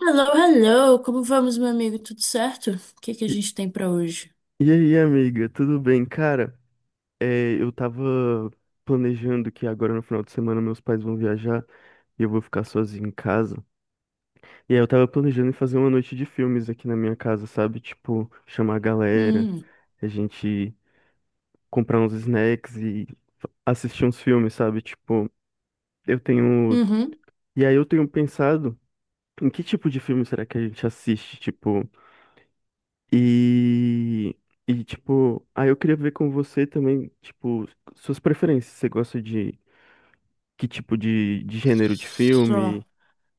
Hello, hello! Como vamos, meu amigo? Tudo certo? O que que a E, gente tem pra hoje? e aí, amiga, tudo bem? Cara, eu tava planejando que agora no final de semana meus pais vão viajar e eu vou ficar sozinho em casa. E aí eu tava planejando em fazer uma noite de filmes aqui na minha casa, sabe? Tipo, chamar a galera, Hum. a gente comprar uns snacks e assistir uns filmes, sabe? Tipo, eu tenho. Uhum. E aí eu tenho pensado em que tipo de filme será que a gente assiste? Tipo. E, e tipo, aí eu queria ver com você também, tipo, suas preferências. Você gosta de que tipo de gênero de Só, filme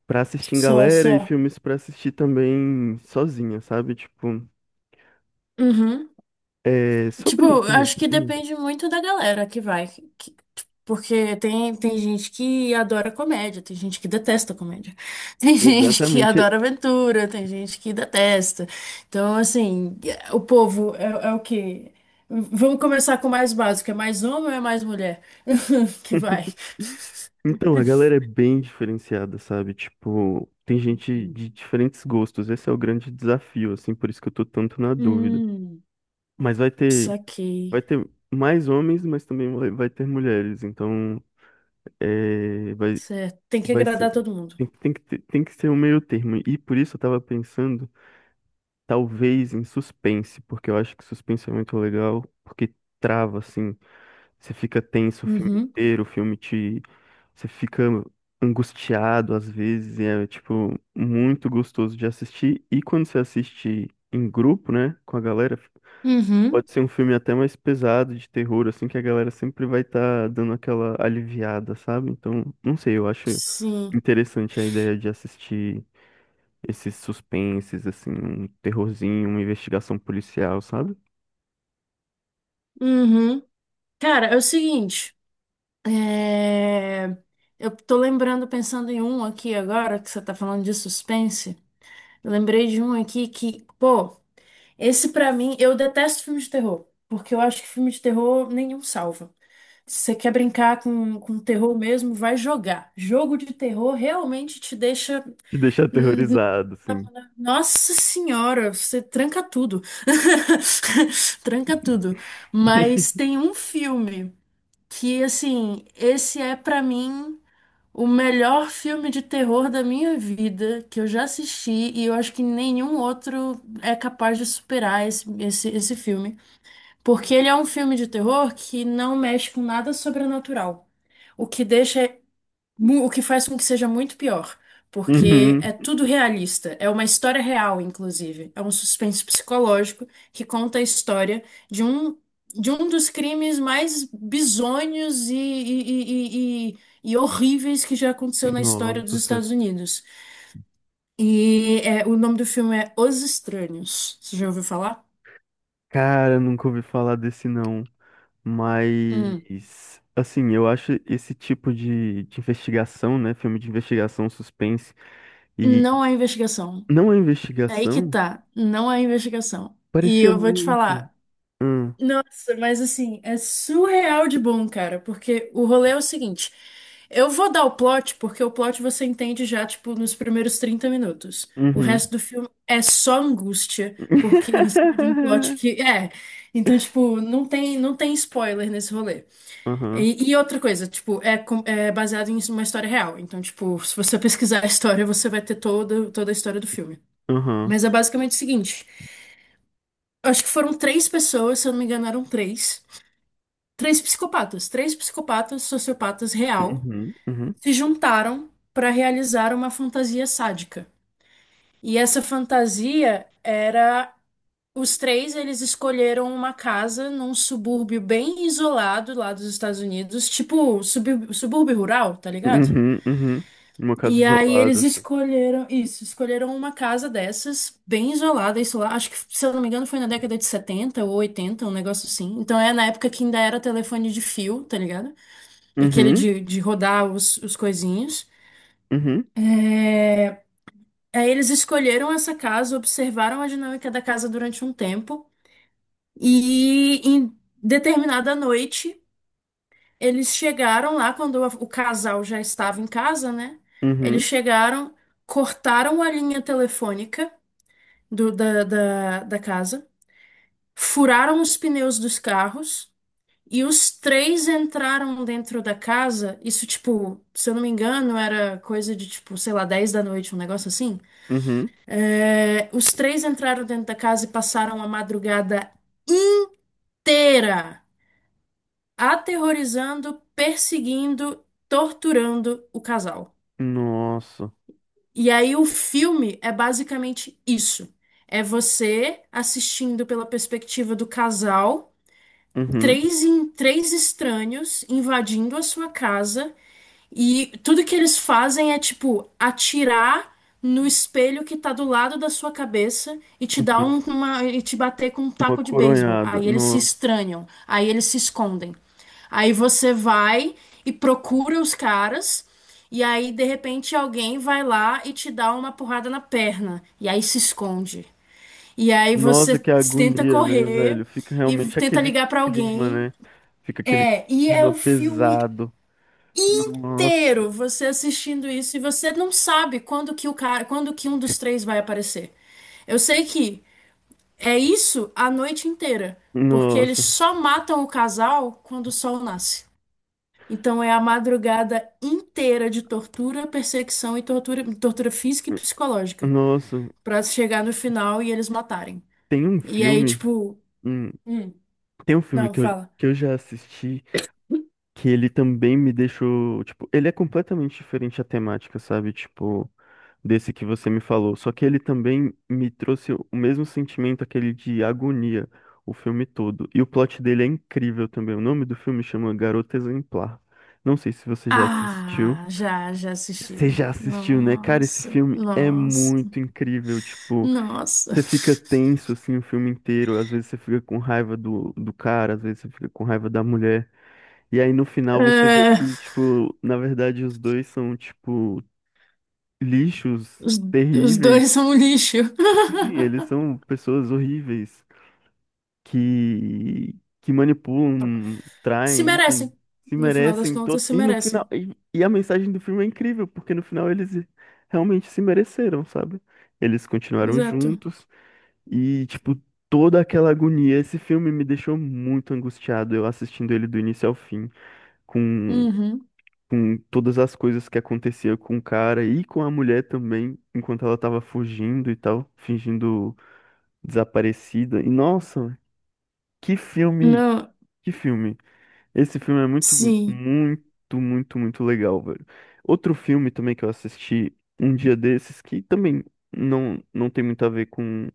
pra assistir em só, galera e só. filmes pra assistir também sozinha, sabe? Tipo, Uhum. é Tipo, sobre isso eu mesmo. acho que depende muito da galera que vai. que- Porque tem gente que adora comédia, tem gente que detesta comédia. Tem gente que Exatamente. adora aventura, tem gente que detesta. Então, assim, o povo é o quê? Vamos começar com o mais básico. É mais homem ou é mais mulher? Que vai. Então, a galera é bem diferenciada, sabe? Tipo, tem gente de diferentes gostos. Esse é o grande desafio, assim, por isso que eu tô tanto na dúvida. Hum, Mas vai ter, vai Saquei. ter mais homens, mas também vai ter mulheres. Então, é, vai, Certo. Tem que vai ser. agradar todo mundo. Tem que ter, tem que ser um meio termo. E por isso eu tava pensando, talvez, em suspense, porque eu acho que suspense é muito legal, porque trava, assim. Você fica tenso o filme Uhum. inteiro, o filme te. Você fica angustiado às vezes, e é, tipo, muito gostoso de assistir. E quando você assiste em grupo, né, com a galera, Uhum. Pode ser um filme até mais pesado de terror, assim, que a galera sempre vai estar dando aquela aliviada, sabe? Então, não sei, eu acho Sim. interessante a ideia de assistir esses suspenses, assim, um terrorzinho, uma investigação policial, sabe? Uhum. Cara, é o seguinte. é, Eu tô lembrando, pensando em um aqui agora, que você tá falando de suspense. Eu lembrei de um aqui que, pô, esse pra mim, eu detesto filme de terror. Porque eu acho que filme de terror nenhum salva. Se você quer brincar com terror mesmo, vai jogar. Jogo de terror realmente te deixa. Te deixa hum, aterrorizado, assim. Nossa senhora, você tranca tudo. Tranca tudo. Mas tem um filme que, assim, esse é pra mim o melhor filme de terror da minha vida que eu já assisti, e eu acho que nenhum outro é capaz de superar esse filme. Porque ele é um filme de terror que não mexe com nada sobrenatural. O que deixa O que faz com que seja muito pior, porque Uhum. é tudo realista, é uma história real, inclusive. É um suspense psicológico que conta a história de um, dos crimes mais bizonhos e horríveis que já aconteceu na história dos Nossa, sério. Estados Unidos. E é, o nome do filme é Os Estranhos. Você já ouviu falar? Cara, nunca ouvi falar desse não. Hum. Mas, assim, eu acho esse tipo de investigação, né? Filme de investigação, suspense. E Não há investigação. não é É, aí que investigação. tá, não há investigação. E Parecia eu vou te muito. falar. Hum, Nossa, mas assim, é surreal de bom, cara, porque o rolê é o seguinte. Eu vou dar o plot, porque o plot você entende já, tipo, nos primeiros 30 minutos. O uhum. resto do filme é só angústia, porque em cima de um plot que é. Então, tipo, não tem spoiler nesse rolê. Uhum, E outra coisa, tipo, é baseado em uma história real. Então, tipo, se você pesquisar a história, você vai ter toda a história do filme. uhum, Mas é basicamente o seguinte. Eu acho que foram três pessoas, se eu não me engano, eram três. Três psicopatas, sociopatas real, uhum, uhum, se juntaram para realizar uma fantasia sádica. E essa fantasia era os três, eles escolheram uma casa num subúrbio bem isolado lá dos Estados Unidos, tipo subúrbio, subúrbio rural, tá ligado? uhum, uhum. Uma casa E aí isolada, eles assim. escolheram isso, escolheram uma casa dessas, bem isolada, isso lá, acho que, se eu não me engano, foi na década de 70 ou 80, um negócio assim. Então é na época que ainda era telefone de fio, tá ligado? Aquele Uhum, de rodar os coisinhos. uhum, É, Aí eles escolheram essa casa, observaram a dinâmica da casa durante um tempo e em determinada noite eles chegaram lá quando o casal já estava em casa, né? Eles uhum, chegaram, cortaram a linha telefônica da casa, furaram os pneus dos carros. E os três entraram dentro da casa, isso, tipo, se eu não me engano, era coisa de, tipo, sei lá, 10 da noite, um negócio assim. uhum. É, os três entraram dentro da casa e passaram a madrugada inteira aterrorizando, perseguindo, torturando o casal. Nossa. E aí o filme é basicamente isso. É você assistindo pela perspectiva do casal, Uhum, três estranhos invadindo a sua casa. E tudo que eles fazem é tipo atirar no espelho que tá do lado da sua cabeça e te dar uhum. uma e te bater com um Uma taco de beisebol. coronhada. Aí eles se Nossa. estranham, aí eles se escondem. Aí você vai e procura os caras, e aí de repente alguém vai lá e te dá uma porrada na perna e aí se esconde. E aí você Nossa, que tenta agonia, né, correr velho? Fica e realmente tenta aquele ligar pra clima, alguém. né? Fica aquele É, e é clima o filme pesado. Nossa, inteiro você assistindo isso, e você não sabe quando que um dos três vai aparecer. Eu sei que é isso a noite inteira, porque eles nossa, só matam o casal quando o sol nasce. Então é a madrugada inteira de tortura, perseguição e tortura, tortura física e psicológica. nossa. Pra chegar no final e eles matarem. Tem um E aí, filme. tipo, Um hum, tem um filme não, que eu, fala. que eu já assisti que ele também me deixou, tipo, ele é completamente diferente a temática, sabe? Tipo, desse que você me falou. Só que ele também me trouxe o mesmo sentimento, aquele de agonia, o filme todo. E o plot dele é incrível também. O nome do filme chama Garota Exemplar. Não sei se você já assistiu. Ah, já Você assisti. já assistiu, né? Cara, esse Nossa, filme é nossa. muito incrível. Tipo, Nossa. você fica tenso assim o filme inteiro. Às vezes você fica com raiva do cara, às vezes você fica com raiva da mulher. E aí no final você vê É, que, tipo, na verdade os dois são, tipo, lixos os, os dois terríveis. são um lixo. Sim, eles são pessoas horríveis que, que manipulam, Se traem, merecem. enfim, se No final das merecem contas, todo. se E no final. merecem. E a mensagem do filme é incrível, porque no final eles realmente se mereceram, sabe? Eles continuaram Exato. juntos e, tipo, toda aquela agonia. Esse filme me deixou muito angustiado, eu assistindo ele do início ao fim. Com Uhum. com todas as coisas que acontecia com o cara e com a mulher também, enquanto ela tava fugindo e tal, fingindo desaparecida. E nossa, que filme, Não, que filme. Esse filme é muito, sim. muito, muito, muito legal, velho. Outro filme também que eu assisti um dia desses que também não tem muito a ver com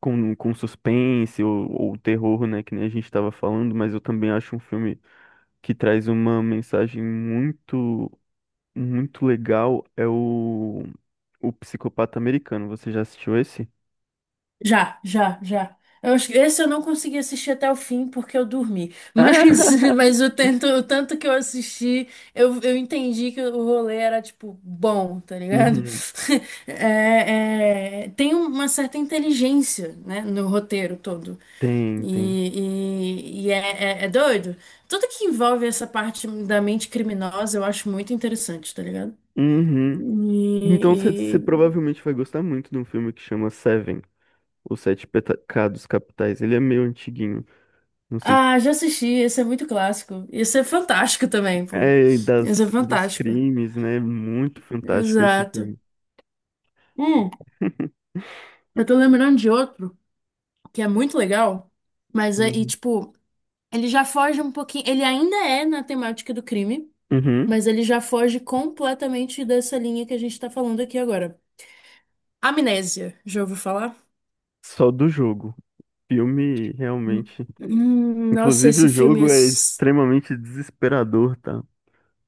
com suspense ou terror, né, que nem a gente estava falando, mas eu também acho um filme que traz uma mensagem muito muito legal é o O Psicopata Americano. Você já assistiu esse? Já, já, já. Eu acho que esse eu não consegui assistir até o fim porque eu dormi. Mas, Ah! mas o tanto que eu assisti, eu entendi que o rolê era, tipo, bom, tá ligado? Uhum. É, é, tem uma certa inteligência, né, no roteiro todo. Tem, tem. E, e é doido. Tudo que envolve essa parte da mente criminosa eu acho muito interessante, tá ligado? Uhum. Então você E, provavelmente vai gostar muito de um filme que chama Seven, Os Sete Pecados Capitais. Ele é meio antiguinho, não sei se... Ah, já assisti, esse é muito clássico. Esse é fantástico também, pô. É, Esse é das, dos fantástico. crimes, né? Muito fantástico esse Exato. filme. Hum, eu tô lembrando de outro que é muito legal, mas e Uhum. tipo, ele já foge um pouquinho, ele ainda é na temática do crime, Uhum. mas ele já foge completamente dessa linha que a gente tá falando aqui agora. Amnésia, já ouviu falar? Só do jogo. Filme Hum, realmente. Nossa, Inclusive, esse o filme é. jogo é extremamente desesperador, tá?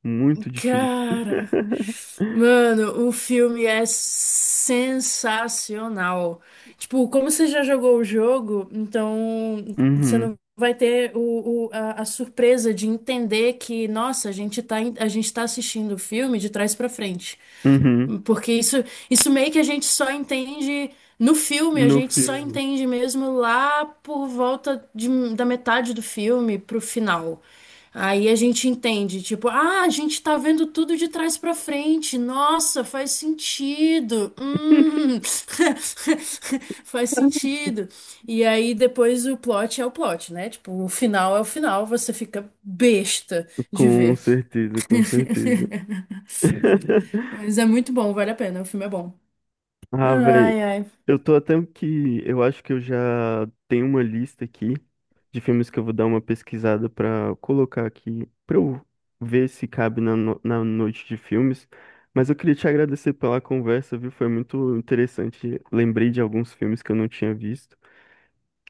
Muito difícil. Cara. Mano, o filme é sensacional. Tipo, como você já jogou o jogo, então você Uhum, não vai ter a surpresa de entender que, nossa, a gente tá assistindo o filme de trás pra frente. uhum. Porque isso meio que a gente só entende no filme, a No gente só filme, entende mesmo lá por volta da metade do filme pro final. Aí a gente entende, tipo, ah, a gente tá vendo tudo de trás pra frente. Nossa, faz sentido. Faz sentido. E aí depois o plot é o plot, né? Tipo, o final é o final, você fica besta de com ver. certeza, com certeza. Mas é muito bom, vale a pena, o filme é bom. Ah, velho, Ai, ai. eu tô até que. Eu acho que eu já tenho uma lista aqui de filmes que eu vou dar uma pesquisada pra colocar aqui, pra eu ver se cabe na, na noite de filmes. Mas eu queria te agradecer pela conversa, viu? Foi muito interessante. Lembrei de alguns filmes que eu não tinha visto,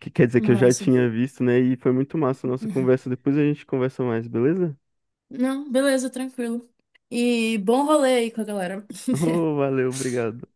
que quer dizer que eu já Nossa. tinha visto, né? E foi muito massa a nossa conversa. Depois a gente conversa mais, beleza? Não, beleza, tranquilo. E bom rolê aí com a galera. Ô, valeu, obrigado.